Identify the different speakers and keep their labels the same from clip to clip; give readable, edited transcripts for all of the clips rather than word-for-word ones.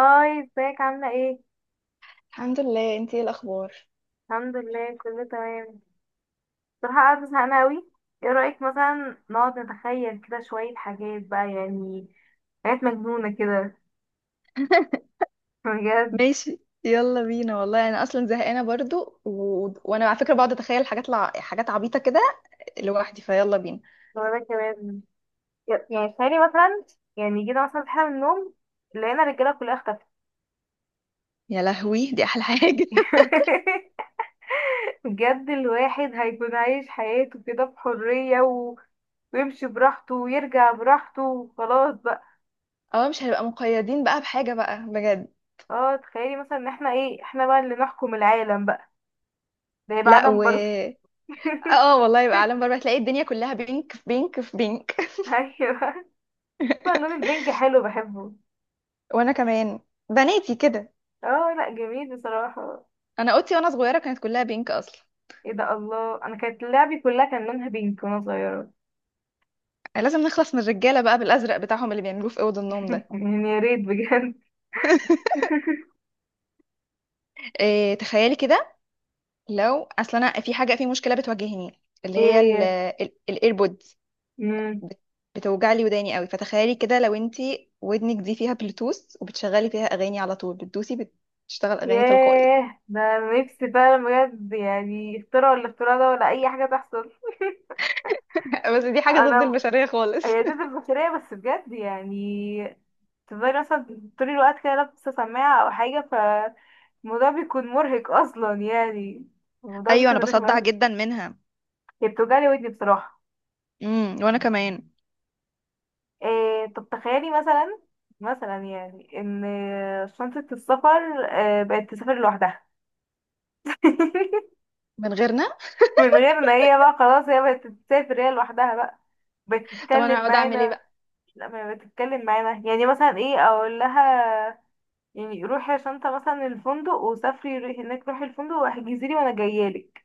Speaker 1: هاي، ازيك؟ عاملة ايه؟
Speaker 2: الحمد لله، انتي ايه الاخبار؟
Speaker 1: الحمد لله، كله تمام. بصراحة قاعدة زهقانة اوي. ايه رأيك مثلا نقعد نتخيل كده شوية حاجات بقى، يعني حاجات مجنونة كده. بجد.
Speaker 2: ماشي. يلا بينا والله، انا اصلا زهقانه برضو، وانا على فكره بقعد اتخيل حاجات حاجات عبيطه كده لوحدي. فيلا بينا.
Speaker 1: وانا كمان يعني تخيلي مثلا، يعني جينا مثلا صحينا من النوم، لقينا الرجالة كلها اختفت.
Speaker 2: يا لهوي، دي احلى حاجه!
Speaker 1: بجد الواحد هيكون عايش حياته كده بحرية ويمشي براحته ويرجع براحته وخلاص بقى.
Speaker 2: اه، مش هنبقى مقيدين بقى بحاجه بقى بجد.
Speaker 1: اه، تخيلي مثلا ان احنا ايه، احنا بقى اللي نحكم العالم بقى. ده هيبقى
Speaker 2: لا
Speaker 1: عالم
Speaker 2: و...
Speaker 1: باربي.
Speaker 2: اه والله، يبقى عالم بره، تلاقي الدنيا كلها بينك في بينك في بينك.
Speaker 1: ايوه. طبعا اللون البينك حلو، بحبه.
Speaker 2: وانا كمان، بناتي كده.
Speaker 1: اه، لا جميل بصراحة.
Speaker 2: انا اوضتي وانا صغيره كانت كلها بينك اصلا.
Speaker 1: ايه ده، الله، انا كانت لعبي كلها كان لونها بينك وانا صغيرة.
Speaker 2: لازم نخلص من الرجاله بقى بالازرق بتاعهم اللي بيعملوه في اوض النوم ده.
Speaker 1: يعني يا ريت بجد.
Speaker 2: إيه، تخيلي كده، لو اصل انا في حاجه، في مشكله بتواجهني اللي
Speaker 1: ايه؟
Speaker 2: هي
Speaker 1: هي.
Speaker 2: الايربودز،
Speaker 1: مم.
Speaker 2: بتوجع لي وداني قوي. فتخيلي كده لو انتي ودنك دي فيها بلوتوث وبتشغلي فيها اغاني على طول، بتدوسي، بتشتغل اغاني تلقائي.
Speaker 1: ياه، ده أنا نفسي فعلا. بجد يعني اختراع ولا اختراع ده ولا اي حاجة تحصل.
Speaker 2: بس دي حاجة ضد
Speaker 1: انا،
Speaker 2: البشرية خالص.
Speaker 1: هي دي البشرية بس بجد يعني. تفضلي مثلا طول الوقت كده لابسة سماعة او حاجة، فالموضوع بيكون مرهق اصلا، يعني الموضوع
Speaker 2: ايوه، انا
Speaker 1: بيكون رخم
Speaker 2: بصدع
Speaker 1: اوي.
Speaker 2: جدا منها.
Speaker 1: هي بتوجعلي ودني بصراحة.
Speaker 2: وانا كمان.
Speaker 1: طب تخيلي مثلا، مثلا يعني ان شنطة السفر بقت تسافر لوحدها.
Speaker 2: من غيرنا.
Speaker 1: من غير ان هي بقى خلاص، هي بقت تسافر هي لوحدها بقى،
Speaker 2: طب انا
Speaker 1: بتتكلم
Speaker 2: هقعد اعمل ايه
Speaker 1: معانا.
Speaker 2: بقى؟
Speaker 1: لا، ما بتتكلم معانا، يعني مثلا ايه اقول لها؟ يعني روحي يا شنطة مثلا الفندق، وسافري، روحي هناك، روحي الفندق واحجزي لي وانا جايالك.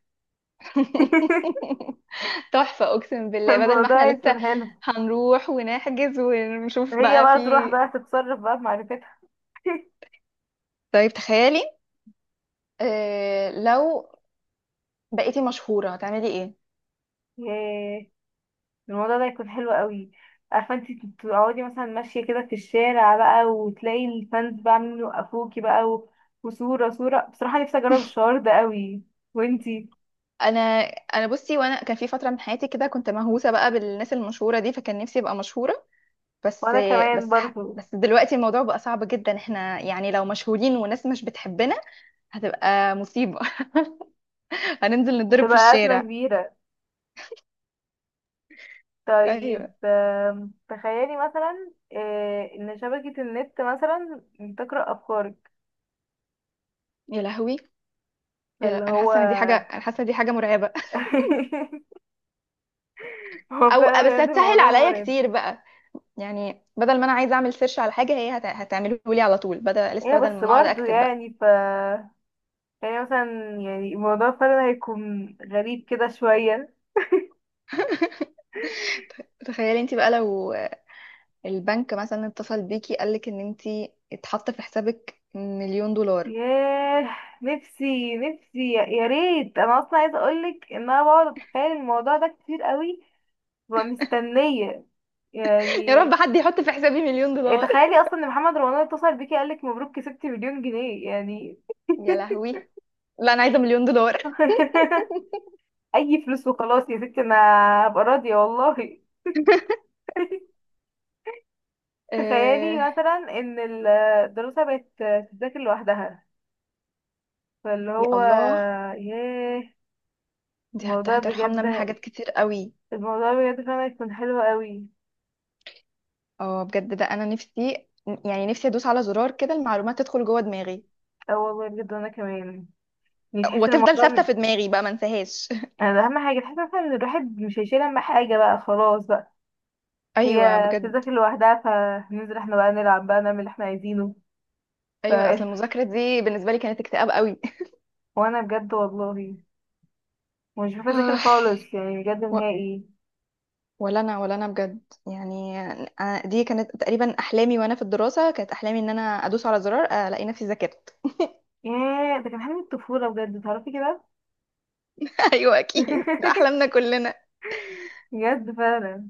Speaker 2: تحفة، اقسم بالله، بدل ما احنا
Speaker 1: الموضوع
Speaker 2: لسه
Speaker 1: يكون حلو.
Speaker 2: هنروح ونحجز ونشوف
Speaker 1: هي
Speaker 2: بقى في.
Speaker 1: بقى تروح بقى تتصرف بقى بمعرفتها.
Speaker 2: طيب تخيلي، لو بقيتي مشهورة هتعملي ايه؟
Speaker 1: ياه. الموضوع ده يكون حلو قوي. عارفه انت، تقعدي مثلا ماشيه كده في الشارع بقى وتلاقي الفانز بقى عاملين يوقفوكي بقى وصوره صوره، بصراحه نفسي اجرب الشعور ده قوي. وانتي؟
Speaker 2: انا انا بصي، وانا كان في فترة من حياتي كده كنت مهووسة بقى بالناس المشهورة دي، فكان نفسي ابقى مشهورة. بس
Speaker 1: وانا كمان
Speaker 2: بس ح-
Speaker 1: برضو.
Speaker 2: بس دلوقتي الموضوع بقى صعب جدا. احنا يعني لو مشهورين وناس مش بتحبنا، هتبقى مصيبة. هننزل نتضرب في
Speaker 1: هتبقى ازمه
Speaker 2: الشارع.
Speaker 1: كبيره. طيب،
Speaker 2: ايوه.
Speaker 1: تخيلي مثلا ان شبكه النت مثلا تقرا افكارك،
Speaker 2: يا لهوي.
Speaker 1: فاللي هو.
Speaker 2: انا حاسة ان دي حاجة مرعبة.
Speaker 1: هو
Speaker 2: او
Speaker 1: فعلا
Speaker 2: بس
Speaker 1: بجد
Speaker 2: هتسهل
Speaker 1: الموضوع
Speaker 2: عليا
Speaker 1: مرعب.
Speaker 2: كتير بقى. يعني بدل ما انا عايزة اعمل سيرش على حاجة، هي هتعمله لي على طول، بدل
Speaker 1: ايه
Speaker 2: لسه بدل
Speaker 1: بس
Speaker 2: ما اقعد
Speaker 1: برضو
Speaker 2: اكتب بقى.
Speaker 1: يعني ف، يعني مثلا يعني موضوع فعلا هيكون غريب كده شوية.
Speaker 2: تخيلي انت بقى لو البنك مثلا اتصل بيكي قالك ان انتي اتحط في حسابك مليون دولار.
Speaker 1: ياه، نفسي نفسي يا ريت، انا اصلا عايزه اقولك ان انا بقعد اتخيل الموضوع ده كتير قوي. ببقى مستنيه،
Speaker 2: يا
Speaker 1: يعني.
Speaker 2: رب حد يحط في حسابي مليون دولار.
Speaker 1: تخيلي اصلا ان محمد رمضان اتصل بيكي قالك مبروك، كسبتي مليون جنيه يعني.
Speaker 2: يا لهوي. لا، انا عايزه مليون دولار.
Speaker 1: اي فلوس وخلاص يا ستي. انا هبقى راضيه والله.
Speaker 2: آه.
Speaker 1: تخيلي مثلا ان الدراسه بقت تذاكر لوحدها، فاللي
Speaker 2: يا
Speaker 1: هو،
Speaker 2: الله،
Speaker 1: ياه.
Speaker 2: دي
Speaker 1: الموضوع
Speaker 2: هترحمنا من
Speaker 1: بجد.
Speaker 2: حاجات كتير قوي.
Speaker 1: الموضوع بجد فعلا يكون حلو قوي.
Speaker 2: اه بجد، ده انا نفسي. يعني نفسي ادوس على زرار كده، المعلومات تدخل جوه دماغي
Speaker 1: اه والله بجد. وانا كمان، يعني تحس ان
Speaker 2: وتفضل
Speaker 1: الموضوع
Speaker 2: ثابته في دماغي بقى ما انساهاش.
Speaker 1: يعني اهم حاجه تحس مثلا ان الواحد مش هيشيل هم حاجه بقى خلاص بقى.
Speaker 2: ايوه
Speaker 1: هي
Speaker 2: بجد.
Speaker 1: بتذاكر لوحدها، فننزل احنا بقى نلعب بقى نعمل اللي احنا عايزينه. ف
Speaker 2: ايوه، اصل المذاكره دي بالنسبه لي كانت اكتئاب قوي.
Speaker 1: وانا بجد والله، مش بحب اذاكر خالص، يعني بجد
Speaker 2: آه.
Speaker 1: نهائي.
Speaker 2: ولا انا، ولا انا بجد. يعني أنا دي كانت تقريبا احلامي، وانا في الدراسه كانت احلامي ان انا ادوس على زرار، الاقي نفسي ذاكرت.
Speaker 1: ياه، ده كان حلم الطفوله بجد، تعرفي كده.
Speaker 2: ايوه اكيد، ده احلامنا كلنا.
Speaker 1: بجد فعلا.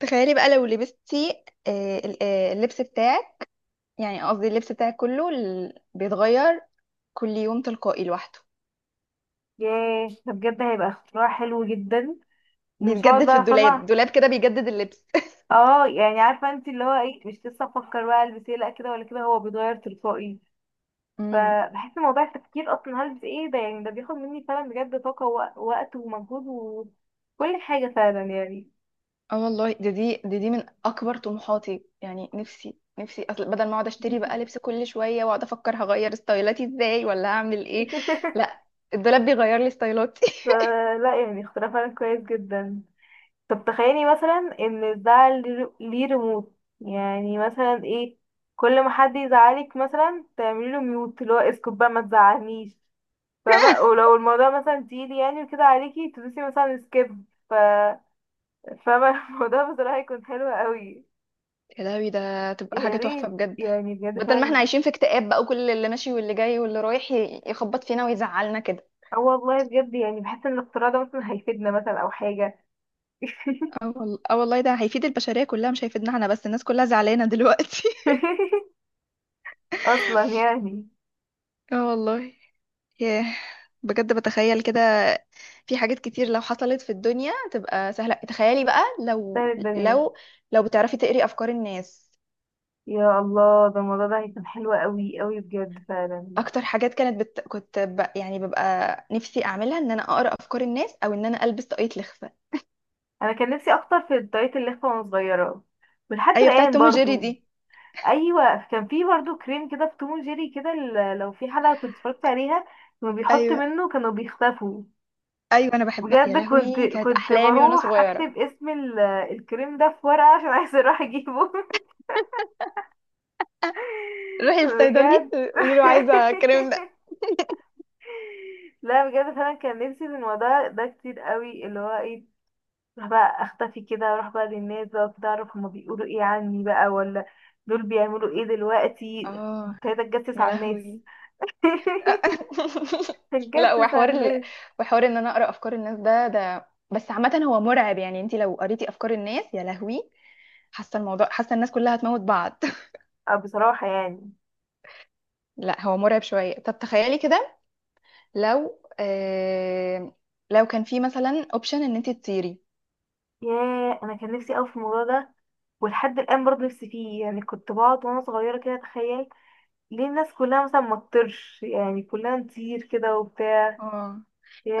Speaker 2: تخيلي بقى لو لبستي اللبس بتاعك، يعني قصدي اللبس بتاعك كله بيتغير كل يوم تلقائي لوحده،
Speaker 1: ياه، ده بجد هيبقى اختراع حلو جدا. ومش هقعد
Speaker 2: بيتجدد في
Speaker 1: بقى
Speaker 2: الدولاب،
Speaker 1: فاهمة.
Speaker 2: دولاب كده بيجدد اللبس.
Speaker 1: اه، يعني عارفه انت، اللي هو ايه، مش لسه افكر بقى البس ايه، لا كده ولا كده، هو بيتغير تلقائي. فبحس ان موضوع التفكير اصلا هلبس ايه ده، يعني ده بياخد مني فعلا بجد طاقه ووقت ومجهود، وكل حاجه فعلا، يعني.
Speaker 2: اه والله، ده دي ده دي من اكبر طموحاتي. يعني نفسي اصل بدل ما اقعد اشتري بقى لبس كل شويه واقعد افكر هغير ستايلاتي ازاي ولا هعمل ايه. لا، الدولاب بيغير لي ستايلاتي.
Speaker 1: فلا يعني اختراع فعلا كويس جدا. طب تخيلي مثلا ان ده ليه ريموت، يعني مثلا ايه، كل ما حد يزعلك مثلا تعملي له ميوت، اللي هو اسكت بقى ما تزعلنيش، فاهمة؟ ولو الموضوع مثلا تقيل يعني وكده عليكي تدوسي مثلا سكيب، ف، فاهمة؟ الموضوع بصراحة هيكون حلو قوي.
Speaker 2: يا لهوي، ده تبقى
Speaker 1: يا
Speaker 2: حاجه تحفه
Speaker 1: ريت
Speaker 2: بجد.
Speaker 1: يعني بجد
Speaker 2: بدل ما احنا
Speaker 1: فعلا.
Speaker 2: عايشين في اكتئاب بقى، وكل اللي ماشي واللي جاي واللي رايح يخبط فينا ويزعلنا كده.
Speaker 1: اه والله بجد، يعني بحس ان الاختراع ده مثلا هيفيدنا، مثلا او حاجة.
Speaker 2: اه والله، ده هيفيد البشريه كلها، مش هيفيدنا احنا بس. الناس كلها زعلانه دلوقتي.
Speaker 1: اصلا يعني.
Speaker 2: اه والله. ياه. بجد بتخيل كده، في حاجات كتير لو حصلت في الدنيا تبقى سهلة. تخيلي بقى
Speaker 1: سهل
Speaker 2: لو
Speaker 1: الدنيا.
Speaker 2: لو بتعرفي تقري أفكار الناس.
Speaker 1: يا الله، ده الموضوع ده هيكون حلو قوي قوي بجد فعلا.
Speaker 2: أكتر حاجات كانت يعني ببقى نفسي أعملها، إن أنا أقرأ أفكار الناس أو إن أنا ألبس طاقية لخفة.
Speaker 1: انا كان نفسي اكتر في الدايت، اللي وانا صغيرة. ولحد
Speaker 2: أيوة، بتاعت
Speaker 1: الان
Speaker 2: توم وجيري
Speaker 1: برضو،
Speaker 2: دي.
Speaker 1: ايوه، كان في برضو كريم كده في توم جيري كده، لو في حلقه كنت اتفرجت عليها، كانوا بيحط
Speaker 2: أيوة،
Speaker 1: منه، كانوا بيختفوا.
Speaker 2: أيوة، أنا بحبها. يا
Speaker 1: بجد كنت
Speaker 2: لهوي، كانت
Speaker 1: كنت
Speaker 2: أحلامي وأنا
Speaker 1: بروح
Speaker 2: صغيرة.
Speaker 1: اكتب اسم الكريم ده في ورقه عشان عايزه اروح اجيبه.
Speaker 2: روحي للصيدلي،
Speaker 1: بجد.
Speaker 2: قولي له عايزة الكلام ده.
Speaker 1: لا بجد فعلا، كان نفسي في الموضوع ده كتير قوي، اللي هو ايه، اروح بقى اختفي كده، اروح بقى للناس بقى كده، اعرف هما بيقولوا ايه عني بقى، ولا دول بيعملوا ايه دلوقتي.
Speaker 2: آه.
Speaker 1: ابتديت اتجسس
Speaker 2: يا
Speaker 1: على الناس.
Speaker 2: لهوي. لا،
Speaker 1: تتجسس على الناس.
Speaker 2: وحوار ان انا اقرا افكار الناس ده بس عامه هو مرعب. يعني انت لو قريتي افكار الناس، يا لهوي، حاسه الموضوع حاسه الناس كلها هتموت بعض.
Speaker 1: اه بصراحة يعني.
Speaker 2: لا، هو مرعب شويه. طب تخيلي كده، لو آه... لو كان في مثلا اوبشن ان انت تطيري.
Speaker 1: ياه، انا كان نفسي اوي في الموضوع ده، ولحد الان برضه نفسي فيه، يعني كنت بقعد وانا صغيرة كده اتخيل ليه الناس كلها مثلا ما تطيرش، يعني كلها نطير كده وبتاع.
Speaker 2: اه،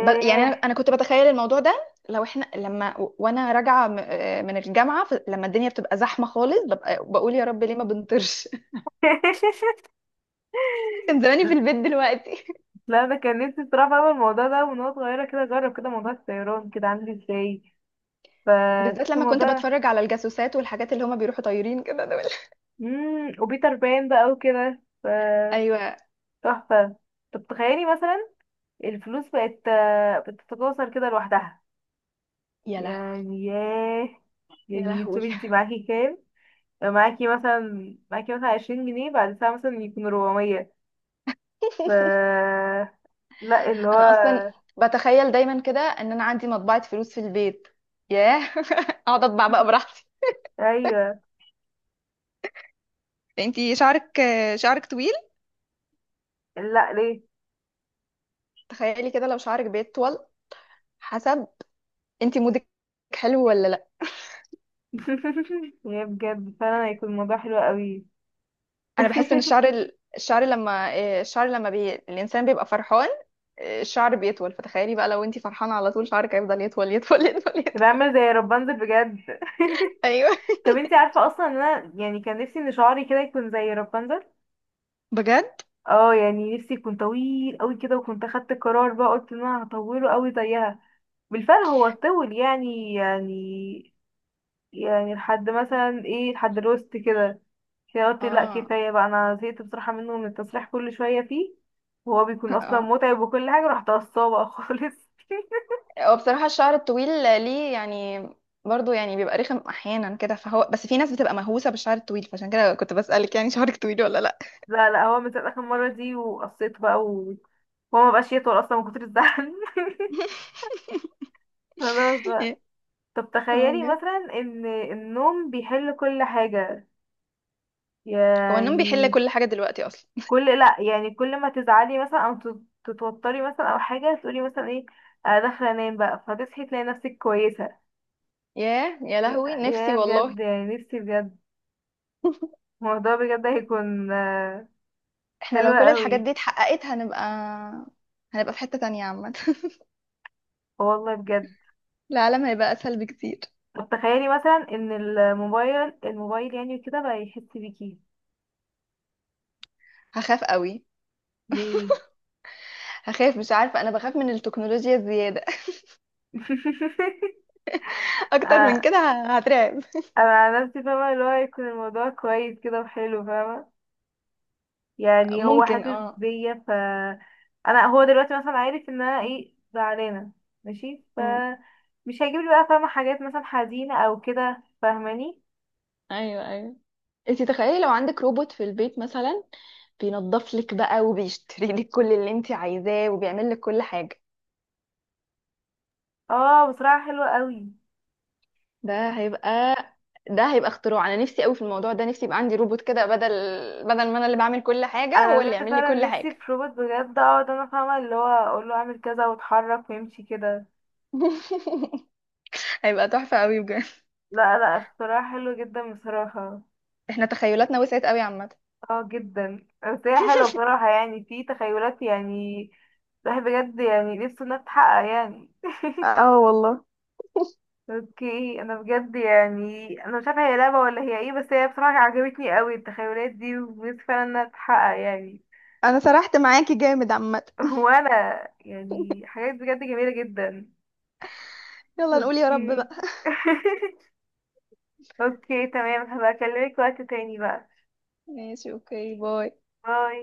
Speaker 2: يعني انا كنت بتخيل الموضوع ده، لو احنا لما وانا راجعه من الجامعه، لما الدنيا بتبقى زحمه خالص، ببقى بقول يا رب ليه ما بنطرش. كان زماني في البيت دلوقتي.
Speaker 1: لا انا كان نفسي بصراحة اعمل الموضوع ده من وانا صغيرة كده، اجرب كده موضوع الطيران كده عامل ازاي.
Speaker 2: بالذات
Speaker 1: فتحس
Speaker 2: لما كنت
Speaker 1: الموضوع.
Speaker 2: بتفرج على الجاسوسات والحاجات اللي هما بيروحوا طايرين كده دول.
Speaker 1: وبيتر بان بقى وكده ف
Speaker 2: ايوه.
Speaker 1: تحفة. طب تخيلي مثلا الفلوس بقت بتتكاثر كده لوحدها،
Speaker 2: يا لهوي،
Speaker 1: يعني. ياه،
Speaker 2: يا
Speaker 1: يعني
Speaker 2: لهوي.
Speaker 1: شوفي انت معاكي كام، معاكي مثلا 20 جنيه، بعد ساعة مثلا يكون 400. ف، لا اللي
Speaker 2: انا اصلا
Speaker 1: هو.
Speaker 2: بتخيل دايما كده ان انا عندي مطبعة فلوس في البيت. ياه. اقعد اطبع بقى براحتي.
Speaker 1: ايوه.
Speaker 2: انتي شعرك طويل.
Speaker 1: لا ليه؟
Speaker 2: تخيلي كده لو شعرك بيطول حسب انت مودك، حلو ولا لا.
Speaker 1: يا بجد فعلا هيكون الموضوع حلو قوي.
Speaker 2: انا بحس ان الشعر، ال- الشعر لما إيه، الشعر لما بي... الانسان بيبقى فرحان، الشعر بيطول. فتخيلي بقى لو انت فرحانة على طول شعرك هيفضل يطول يطول يطول
Speaker 1: يبقى
Speaker 2: يطول.
Speaker 1: عامل زي رابنزل بجد.
Speaker 2: ايوه
Speaker 1: طب انت عارفة اصلا ان انا، يعني كان نفسي ان شعري كده يكون زي رابنزل.
Speaker 2: بجد.
Speaker 1: اه، يعني نفسي يكون طويل قوي كده، وكنت اخدت قرار بقى، قلت ان انا هطوله قوي زيها. بالفعل هو طول، يعني لحد مثلا ايه، لحد الوسط كده. كده قلت لا
Speaker 2: اه.
Speaker 1: كفاية بقى، انا زهقت بصراحة منه، من التصريح كل شوية فيه، وهو بيكون اصلا
Speaker 2: اه،
Speaker 1: متعب وكل حاجة، رحت قصاه بقى خالص.
Speaker 2: هو بصراحة الشعر الطويل، ليه يعني برضو يعني بيبقى رخم احيانا كده. فهو بس في ناس بتبقى مهووسة بالشعر الطويل، فعشان كده كنت بسألك يعني، شعرك طويل ولا لا.
Speaker 1: لا لا، هو من ساعة اخر مرة دي وقصيت بقى وهو مبقاش يطول اصلا من كتر الزعل. خلاص بقى. طب
Speaker 2: اه
Speaker 1: تخيلي
Speaker 2: بجد.
Speaker 1: مثلا ان النوم بيحل كل حاجة،
Speaker 2: هو النوم بيحل
Speaker 1: يعني
Speaker 2: كل حاجة دلوقتي اصلا.
Speaker 1: كل، لا يعني كل ما تزعلي مثلا او تتوتري مثلا او حاجة تقولي مثلا ايه، انا داخلة انام بقى، فهتصحي تلاقي نفسك كويسة.
Speaker 2: ياه، يا لهوي، نفسي
Speaker 1: يا
Speaker 2: والله.
Speaker 1: بجد يعني نفسي بجد. الموضوع بجد هيكون
Speaker 2: احنا
Speaker 1: حلو
Speaker 2: لو كل الحاجات
Speaker 1: قوي.
Speaker 2: دي اتحققت، هنبقى في حتة تانية عامة.
Speaker 1: آه والله بجد.
Speaker 2: العالم هيبقى اسهل بكتير.
Speaker 1: طب تخيلي مثلا ان الموبايل يعني كده بقى يحس بيكي.
Speaker 2: هخاف قوي.
Speaker 1: ليه؟
Speaker 2: هخاف، مش عارفة، انا بخاف من التكنولوجيا الزيادة. اكتر من
Speaker 1: آه،
Speaker 2: كده هترعب.
Speaker 1: انا على نفسي فاهمه، اللي هو يكون الموضوع كويس كده وحلو، فاهمه، يعني هو
Speaker 2: ممكن
Speaker 1: حاسس
Speaker 2: اه.
Speaker 1: بيا. ف انا، هو دلوقتي مثلا عارف ان انا ايه زعلانه، ماشي، ف مش هيجيب لي بقى فاهمه حاجات مثلا حزينه او كده، فاهماني؟
Speaker 2: ايوه، ايوه. انت تخيلي لو عندك روبوت في البيت مثلا، بينظف لك بقى وبيشتري لك كل اللي انت عايزاه وبيعمل لك كل حاجه.
Speaker 1: اه بصراحه حلوه قوي.
Speaker 2: ده هيبقى ده هيبقى اختراع. انا نفسي قوي في الموضوع ده. نفسي يبقى عندي روبوت كده، بدل ما انا اللي بعمل كل حاجه،
Speaker 1: انا
Speaker 2: هو اللي
Speaker 1: بجد
Speaker 2: يعمل لي كل
Speaker 1: فعلا نفسي
Speaker 2: حاجه.
Speaker 1: في روبوت، بجد اقعد انا فاهمه اللي هو اقول له اعمل كذا واتحرك ويمشي كده.
Speaker 2: هيبقى تحفه قوي بجد.
Speaker 1: لا لا، اختراع حلو جدا بصراحه.
Speaker 2: احنا تخيلاتنا وسعت قوي عامه.
Speaker 1: اه جدا، بس هي حلوه بصراحه يعني، في تخيلات يعني الواحد بجد يعني نفسه انها تتحقق يعني.
Speaker 2: اه والله.
Speaker 1: اوكي، انا بجد يعني انا مش عارفه هي لعبه ولا هي ايه، بس هي بصراحه عجبتني قوي التخيلات دي، ونفسي فعلا انها تتحقق، يعني.
Speaker 2: انا سرحت معاكي جامد عامه.
Speaker 1: وانا. يعني حاجات بجد جميله جدا.
Speaker 2: يلا نقول يا رب بقى.
Speaker 1: اوكي. اوكي تمام، هبقى اكلمك وقت تاني بقى.
Speaker 2: ماشي، اوكي، باي.
Speaker 1: باي.